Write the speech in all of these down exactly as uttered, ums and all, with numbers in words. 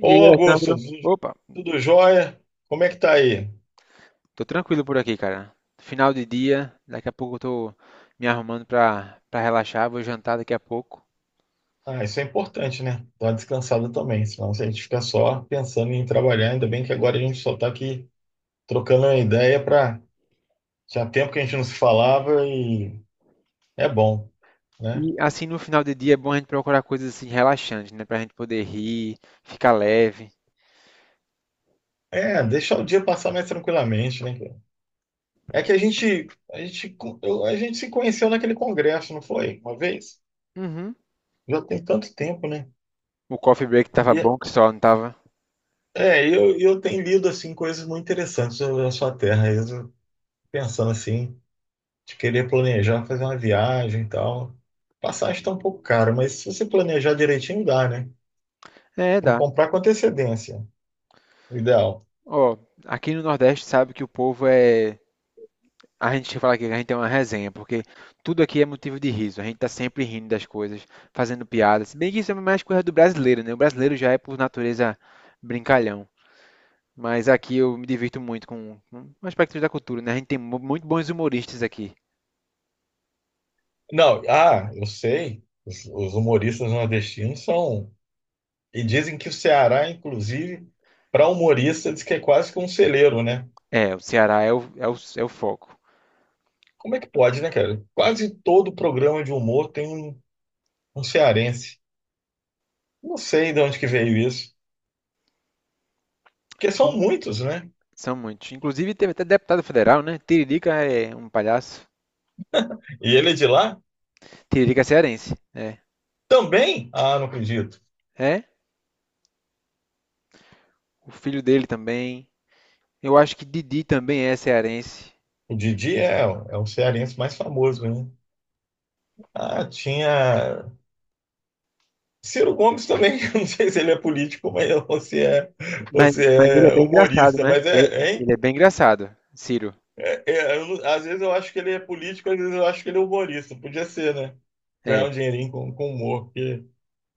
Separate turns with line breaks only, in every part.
E aí,
Ô Augusto,
Alessandro? Opa,
tudo jóia? Como é que tá aí?
tô tranquilo por aqui, cara. Final de dia, daqui a pouco eu tô me arrumando pra, pra relaxar, vou jantar daqui a pouco.
Ah, isso é importante, né? Dar uma descansada também, senão se a gente fica só pensando em trabalhar, ainda bem que agora a gente só tá aqui trocando uma ideia para tinha tempo que a gente não se falava e é bom, né?
E assim, no final de dia é bom a gente procurar coisas assim relaxantes, né? Pra gente poder rir, ficar leve.
É, deixar o dia passar mais tranquilamente, né, cara? É que a gente a gente co- eu- a gente se conheceu naquele congresso, não foi? Uma vez?
Uhum.
Já tem tanto tempo, né?
O coffee break tava bom
E
que só, não tava?
é, eu eu tenho lido assim coisas muito interessantes sobre a sua terra, eu pensando assim de querer planejar, fazer uma viagem e tal. Passagem está um pouco cara, mas se você planejar direitinho, dá, né?
É,
Tem que
dá.
comprar com antecedência, o ideal.
Ó, aqui no Nordeste sabe que o povo é A gente fala aqui que a gente é uma resenha, porque tudo aqui é motivo de riso. A gente tá sempre rindo das coisas, fazendo piadas. Se bem que isso é mais coisa do brasileiro, né? O brasileiro já é, por natureza, brincalhão. Mas aqui eu me divirto muito com, com aspectos da cultura, né? A gente tem mu- muito bons humoristas aqui.
Não, ah, eu sei, os, os humoristas nordestinos são. E dizem que o Ceará, inclusive, para humorista, diz que é quase que um celeiro, né?
É, o Ceará é o, é o, é o foco.
Como é que pode, né, cara? Quase todo programa de humor tem um, um cearense. Não sei de onde que veio isso, porque
In-
são muitos, né?
São muitos. Inclusive teve até deputado federal, né? Tiririca é um palhaço.
E ele é de lá
Tiririca é cearense, né?
também? Ah, não acredito.
É, o filho dele também. Eu acho que Didi também é cearense.
O Didi é, é o cearense mais famoso, né? Ah, tinha. Ciro Gomes também, eu não sei se ele é político, mas você é,
Mas,
você
mas ele é
é
bem engraçado,
humorista,
né?
mas
Ele,
é, hein?
ele é bem engraçado, Ciro.
É, é, eu não- às vezes eu acho que ele é político, às vezes eu acho que ele é humorista. Podia ser, né?
É.
Ganhar um dinheirinho com, com humor, porque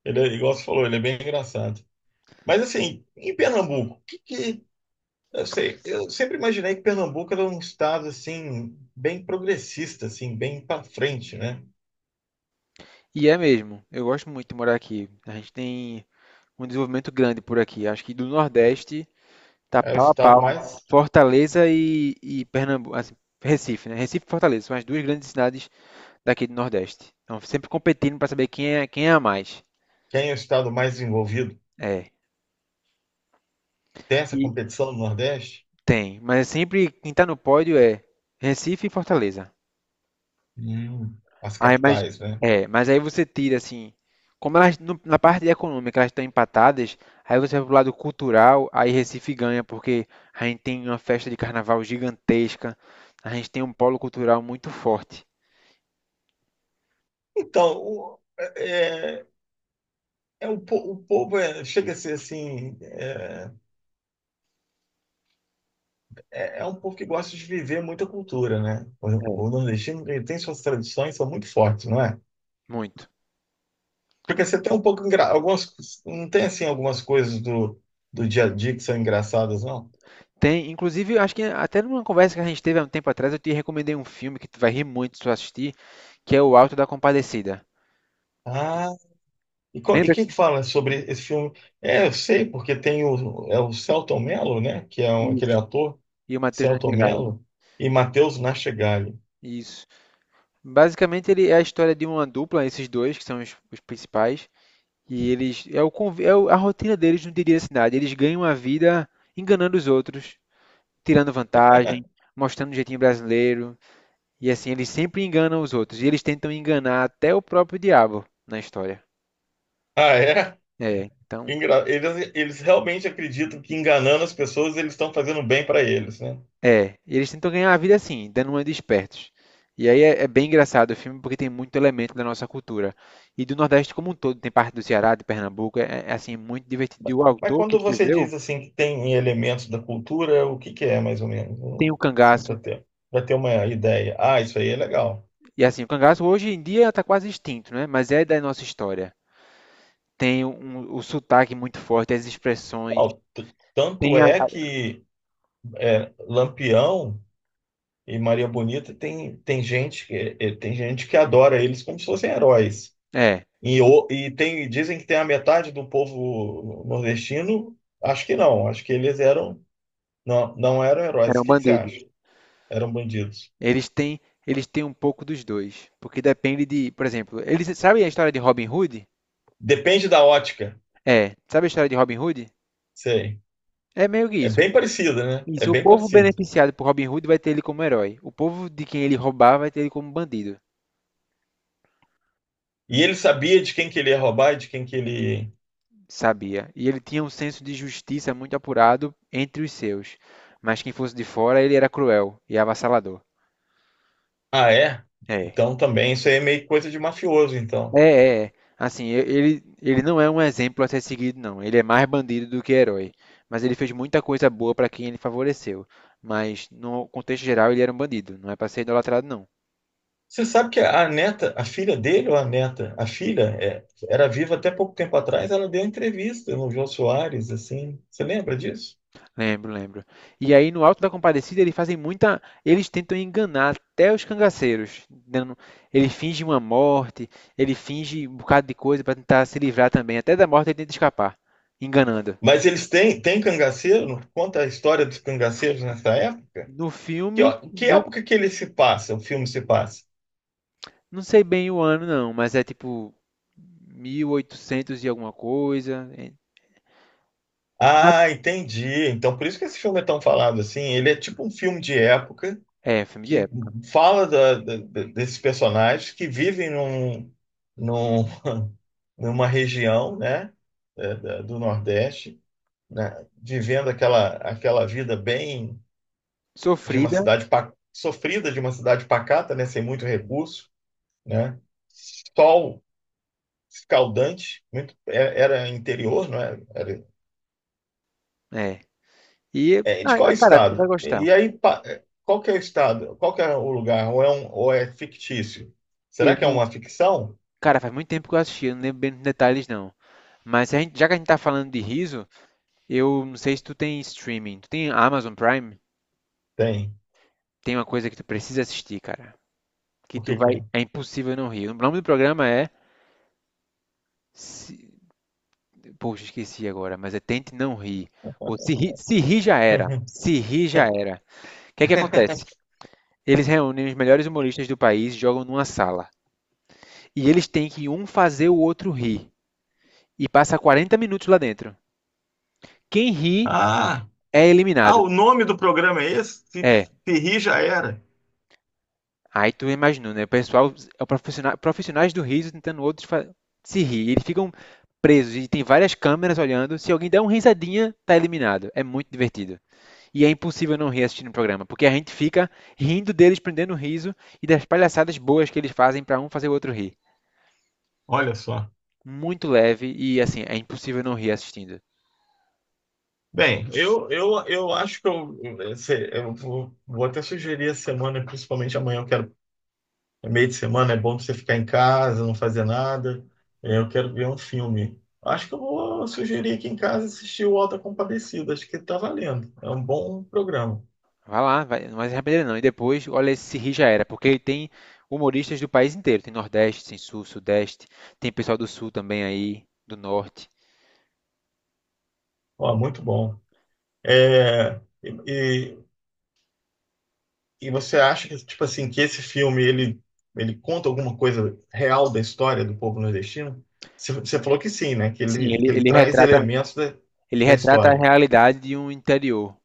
ele é, igual você falou, ele é bem engraçado. Mas assim, em Pernambuco, o que que. Eu sei, eu sempre imaginei que Pernambuco era um estado assim, bem progressista, assim, bem para frente, né?
E é mesmo. Eu gosto muito de morar aqui. A gente tem um desenvolvimento grande por aqui. Acho que do Nordeste tá
É o
pau a
estado
pau.
mais
Fortaleza e, e Pernambuco. Assim, Recife, né? Recife e Fortaleza são as duas grandes cidades daqui do Nordeste. Então, sempre competindo para saber quem é, quem é a mais.
Quem é o estado mais envolvido?
É.
Tem essa
E
competição no Nordeste?
tem. Mas sempre quem tá no pódio é Recife e Fortaleza.
Hum, as
Aí, mas,
capitais, né?
é, mas aí você tira assim, como elas no- na parte econômica elas estão empatadas, aí você vai pro lado cultural, aí Recife ganha porque a gente tem uma festa de carnaval gigantesca, a gente tem um polo cultural muito forte,
Então, o, é, é um, po- o povo é- chega a ser assim, é, é, é um povo que gosta de viver muita cultura, né?
É.
O, o nordestino ele tem suas tradições, são muito fortes, não é?
Muito.
Porque você tem um pouco, engra- algumas, não tem assim algumas coisas do, do dia a dia que são engraçadas, não?
Tem, inclusive, eu acho que até numa conversa que a gente teve há um tempo atrás, eu te recomendei um filme que tu vai rir muito se tu assistir, que é O Alto da Compadecida.
Ah, e, qual, e
Lembra
quem que fala sobre esse filme? É, eu sei, porque tem o, é o Selton Mello, né? Que é um- aquele
disso?
ator
E o Matheus
Celto
Nachegale.
Mello e Matheus Nachegali.
Isso. Basicamente, ele é a história de uma dupla, esses dois, que são os, os principais, E eles. É, o, conv- é o- A rotina deles no dia a dia da cidade. Eles ganham a vida enganando os outros, tirando vantagem, mostrando o jeitinho brasileiro. E assim, eles sempre enganam os outros. E eles tentam enganar até o próprio diabo na história.
Ah, é?
É, então.
Engra- Eles, eles realmente acreditam que enganando as pessoas eles estão fazendo bem para eles, né?
É, eles tentam ganhar a vida assim, dando uma de espertos. E aí é, é bem engraçado o filme porque tem muito elemento da nossa cultura. E do Nordeste como um todo, tem parte do Ceará, de Pernambuco. É, é, assim, muito divertido. E o
Mas
autor que
quando você
escreveu
diz assim que tem elementos da cultura, o que que é mais ou menos?
tem o
Assim, para
cangaço
ter, para ter uma ideia. Ah, isso aí é legal.
E assim, o cangaço hoje em dia está quase extinto, né? Mas é da nossa história. Tem um, um, o sotaque muito forte, as expressões.
Não, t- tanto
Tem a-
é
a-
que é, Lampião e Maria Bonita tem, tem gente que, é, tem gente que adora eles como se fossem heróis.
É,
E, o- e tem, dizem que tem a metade do povo nordestino. Acho que não. Acho que eles eram. Não, não eram heróis. O
eram
que que você acha?
bandidos.
Eram bandidos.
Eles têm, eles têm um pouco dos dois, porque depende de, por exemplo, eles sabem a história de Robin Hood?
Depende da ótica.
É, sabe a história de Robin Hood?
Sei.
É meio que
É
isso.
bem parecido, né? É
Isso, o
bem
povo
parecido.
beneficiado por Robin Hood vai ter ele como herói. O povo de quem ele roubar vai ter ele como bandido.
E ele sabia de quem que ele ia roubar e de quem que ele.
Sabia. E ele tinha um senso de justiça muito apurado entre os seus. Mas quem fosse de fora, ele era cruel e avassalador.
Ah, é?
É.
Então também isso aí é meio coisa de mafioso,
É,
então.
é, é. Assim, e- ele, ele não é um exemplo a ser seguido, não. Ele é mais bandido do que herói. Mas ele fez muita coisa boa para quem ele favoreceu. Mas, no contexto geral, ele era um bandido. Não é para ser idolatrado, não.
Você sabe que a neta, a filha dele ou a neta, a filha é, era viva até pouco tempo atrás, ela deu entrevista no Jô Soares, assim. Você lembra disso?
Lembro, lembro. E aí no Alto da Compadecida eles fazem muita, eles tentam enganar até os cangaceiros, dando- ele finge uma morte, ele finge um bocado de coisa para tentar se livrar também, até da morte ele tenta escapar, enganando.
Mas eles têm, têm cangaceiro? Conta a história dos cangaceiros nessa época?
No
Que,
filme,
ó, que
não,
época que ele se passa, o filme se passa?
não sei bem o ano não, mas é tipo mil e oitocentos e alguma coisa. É, na-
Ah, entendi. Então, por isso que esse filme é tão falado assim. Ele é tipo um filme de época
É, filme de
que
época.
fala da- da- da- desses personagens que vivem num, num- numa região, né, é, da- do Nordeste, né, vivendo aquela, aquela vida bem de uma
Sofrida,
cidade pa- sofrida, de uma cidade pacata, né, sem muito recurso, né, sol escaldante, muito, é- era interior, não é? Era,
é. E,
é, de qual
ah, cara, tu vai
estado?
gostar.
E, e aí, pa- é, qual que é o estado? Qual que é o lugar? Ou é, um, ou é fictício?
Eu
Será que é
não,
uma ficção?
cara, faz muito tempo que eu assisti, eu não lembro bem dos detalhes não. Mas se a gente- já que a gente tá falando de riso, eu não sei se tu tem streaming. Tu tem Amazon Prime?
Tem.
Tem uma coisa que tu precisa assistir, cara. Que
O
tu
que que
vai.
é?
É impossível não rir. O nome do programa é. Se... Poxa, esqueci agora, mas é Tente Não Rir. Ou se rir, se rir já era. Se rir já era. O que é que acontece? Eles reúnem os melhores humoristas do país, e jogam numa sala. E eles têm que um fazer o outro rir. E passa quarenta minutos lá dentro. Quem ri
Ah,
é
ah,
eliminado.
o nome do programa é esse? Se,
É.
se rir, já era.
Aí tu imaginou, né? O pessoal, é o profissional, profissionais do riso tentando outros fa- se rir. Eles ficam presos e tem várias câmeras olhando. Se alguém der uma risadinha, tá eliminado. É muito divertido. E é impossível não rir assistindo o programa, porque a gente fica rindo deles, prendendo o riso e das palhaçadas boas que eles fazem pra um fazer o outro rir.
Olha só.
Muito leve e assim, é impossível não rir assistindo.
Bem, eu, eu, eu acho que eu, esse- eu vou vou até sugerir a semana, principalmente amanhã, eu quero. No meio de semana é bom pra você ficar em casa, não fazer nada. É, eu quero ver um filme. Acho que eu vou sugerir aqui em casa assistir o Alta Compadecida. Acho que tá valendo. É um bom programa.
Vai lá, vai, não vai se arrepender não. E depois, olha se rir já era, porque ele tem humoristas do país inteiro. Tem Nordeste, tem Sul, Sudeste, tem pessoal do Sul também aí, do Norte.
Ó, muito bom. É, e, e e você acha que, tipo assim, que esse filme, ele, ele conta alguma coisa real da história do povo nordestino? Você você falou que sim, né? Que
Sim,
ele, que
ele,
ele
ele
traz
retrata,
elementos da,
ele
da
retrata a
história.
realidade de um interior,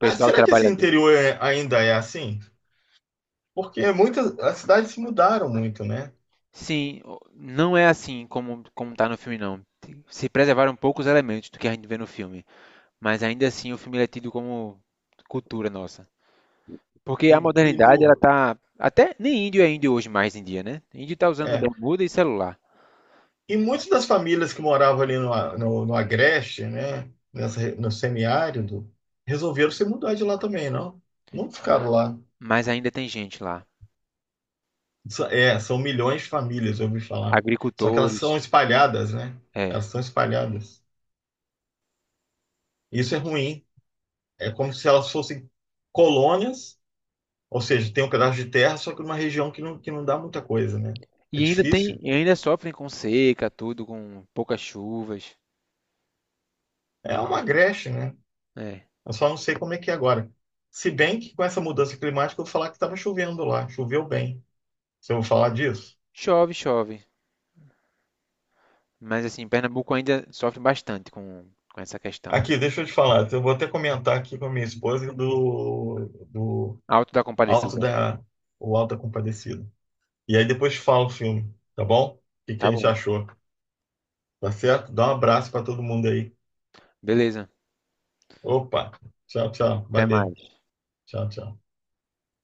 Mas será que esse
trabalhador.
interior é- ainda é assim? Porque muitas, as cidades se mudaram muito, né?
Sim, o- não é assim como como tá no filme não. Se preservaram poucos elementos do que a gente vê no filme, mas ainda assim o filme ele é tido como cultura nossa. Porque
e,
a
e
modernidade ela
no.
tá até nem índio é índio hoje mais em dia, né? Índio tá usando
É.
bermuda e celular,
E muitas das famílias que moravam ali no, A- no, no Agreste, né? Nessa, re- no semiárido, resolveram se mudar de lá também, não? Não ficaram lá.
mas ainda tem gente lá,
Sa- É, são milhões de famílias, eu ouvi falar. Só que elas
agricultores,
são espalhadas, né?
é.
Elas são espalhadas. Isso é ruim. É como se elas fossem colônias, ou seja, tem um pedaço de terra, só que numa região que não, que não dá muita coisa, né? É
E ainda tem,
difícil.
e ainda sofrem com seca, tudo com poucas chuvas,
É uma Agreste, né?
é.
Eu só não sei como é que é agora. Se bem que com essa mudança climática eu vou falar que estava chovendo lá, choveu bem. Se eu vou falar disso.
Chove, chove. Mas assim, Pernambuco ainda sofre bastante com, com essa questão.
Aqui, deixa eu te falar, eu vou até comentar aqui com a minha esposa do, do
Alto da
Alto
Compadecida.
da, o Alto da Compadecida. E aí depois te falo o filme, tá bom? O que que
Tá
a gente
bom.
achou, tá certo? Dá um abraço para todo mundo aí.
Beleza.
Opa, tchau, tchau,
Até
valeu,
mais.
tchau, tchau.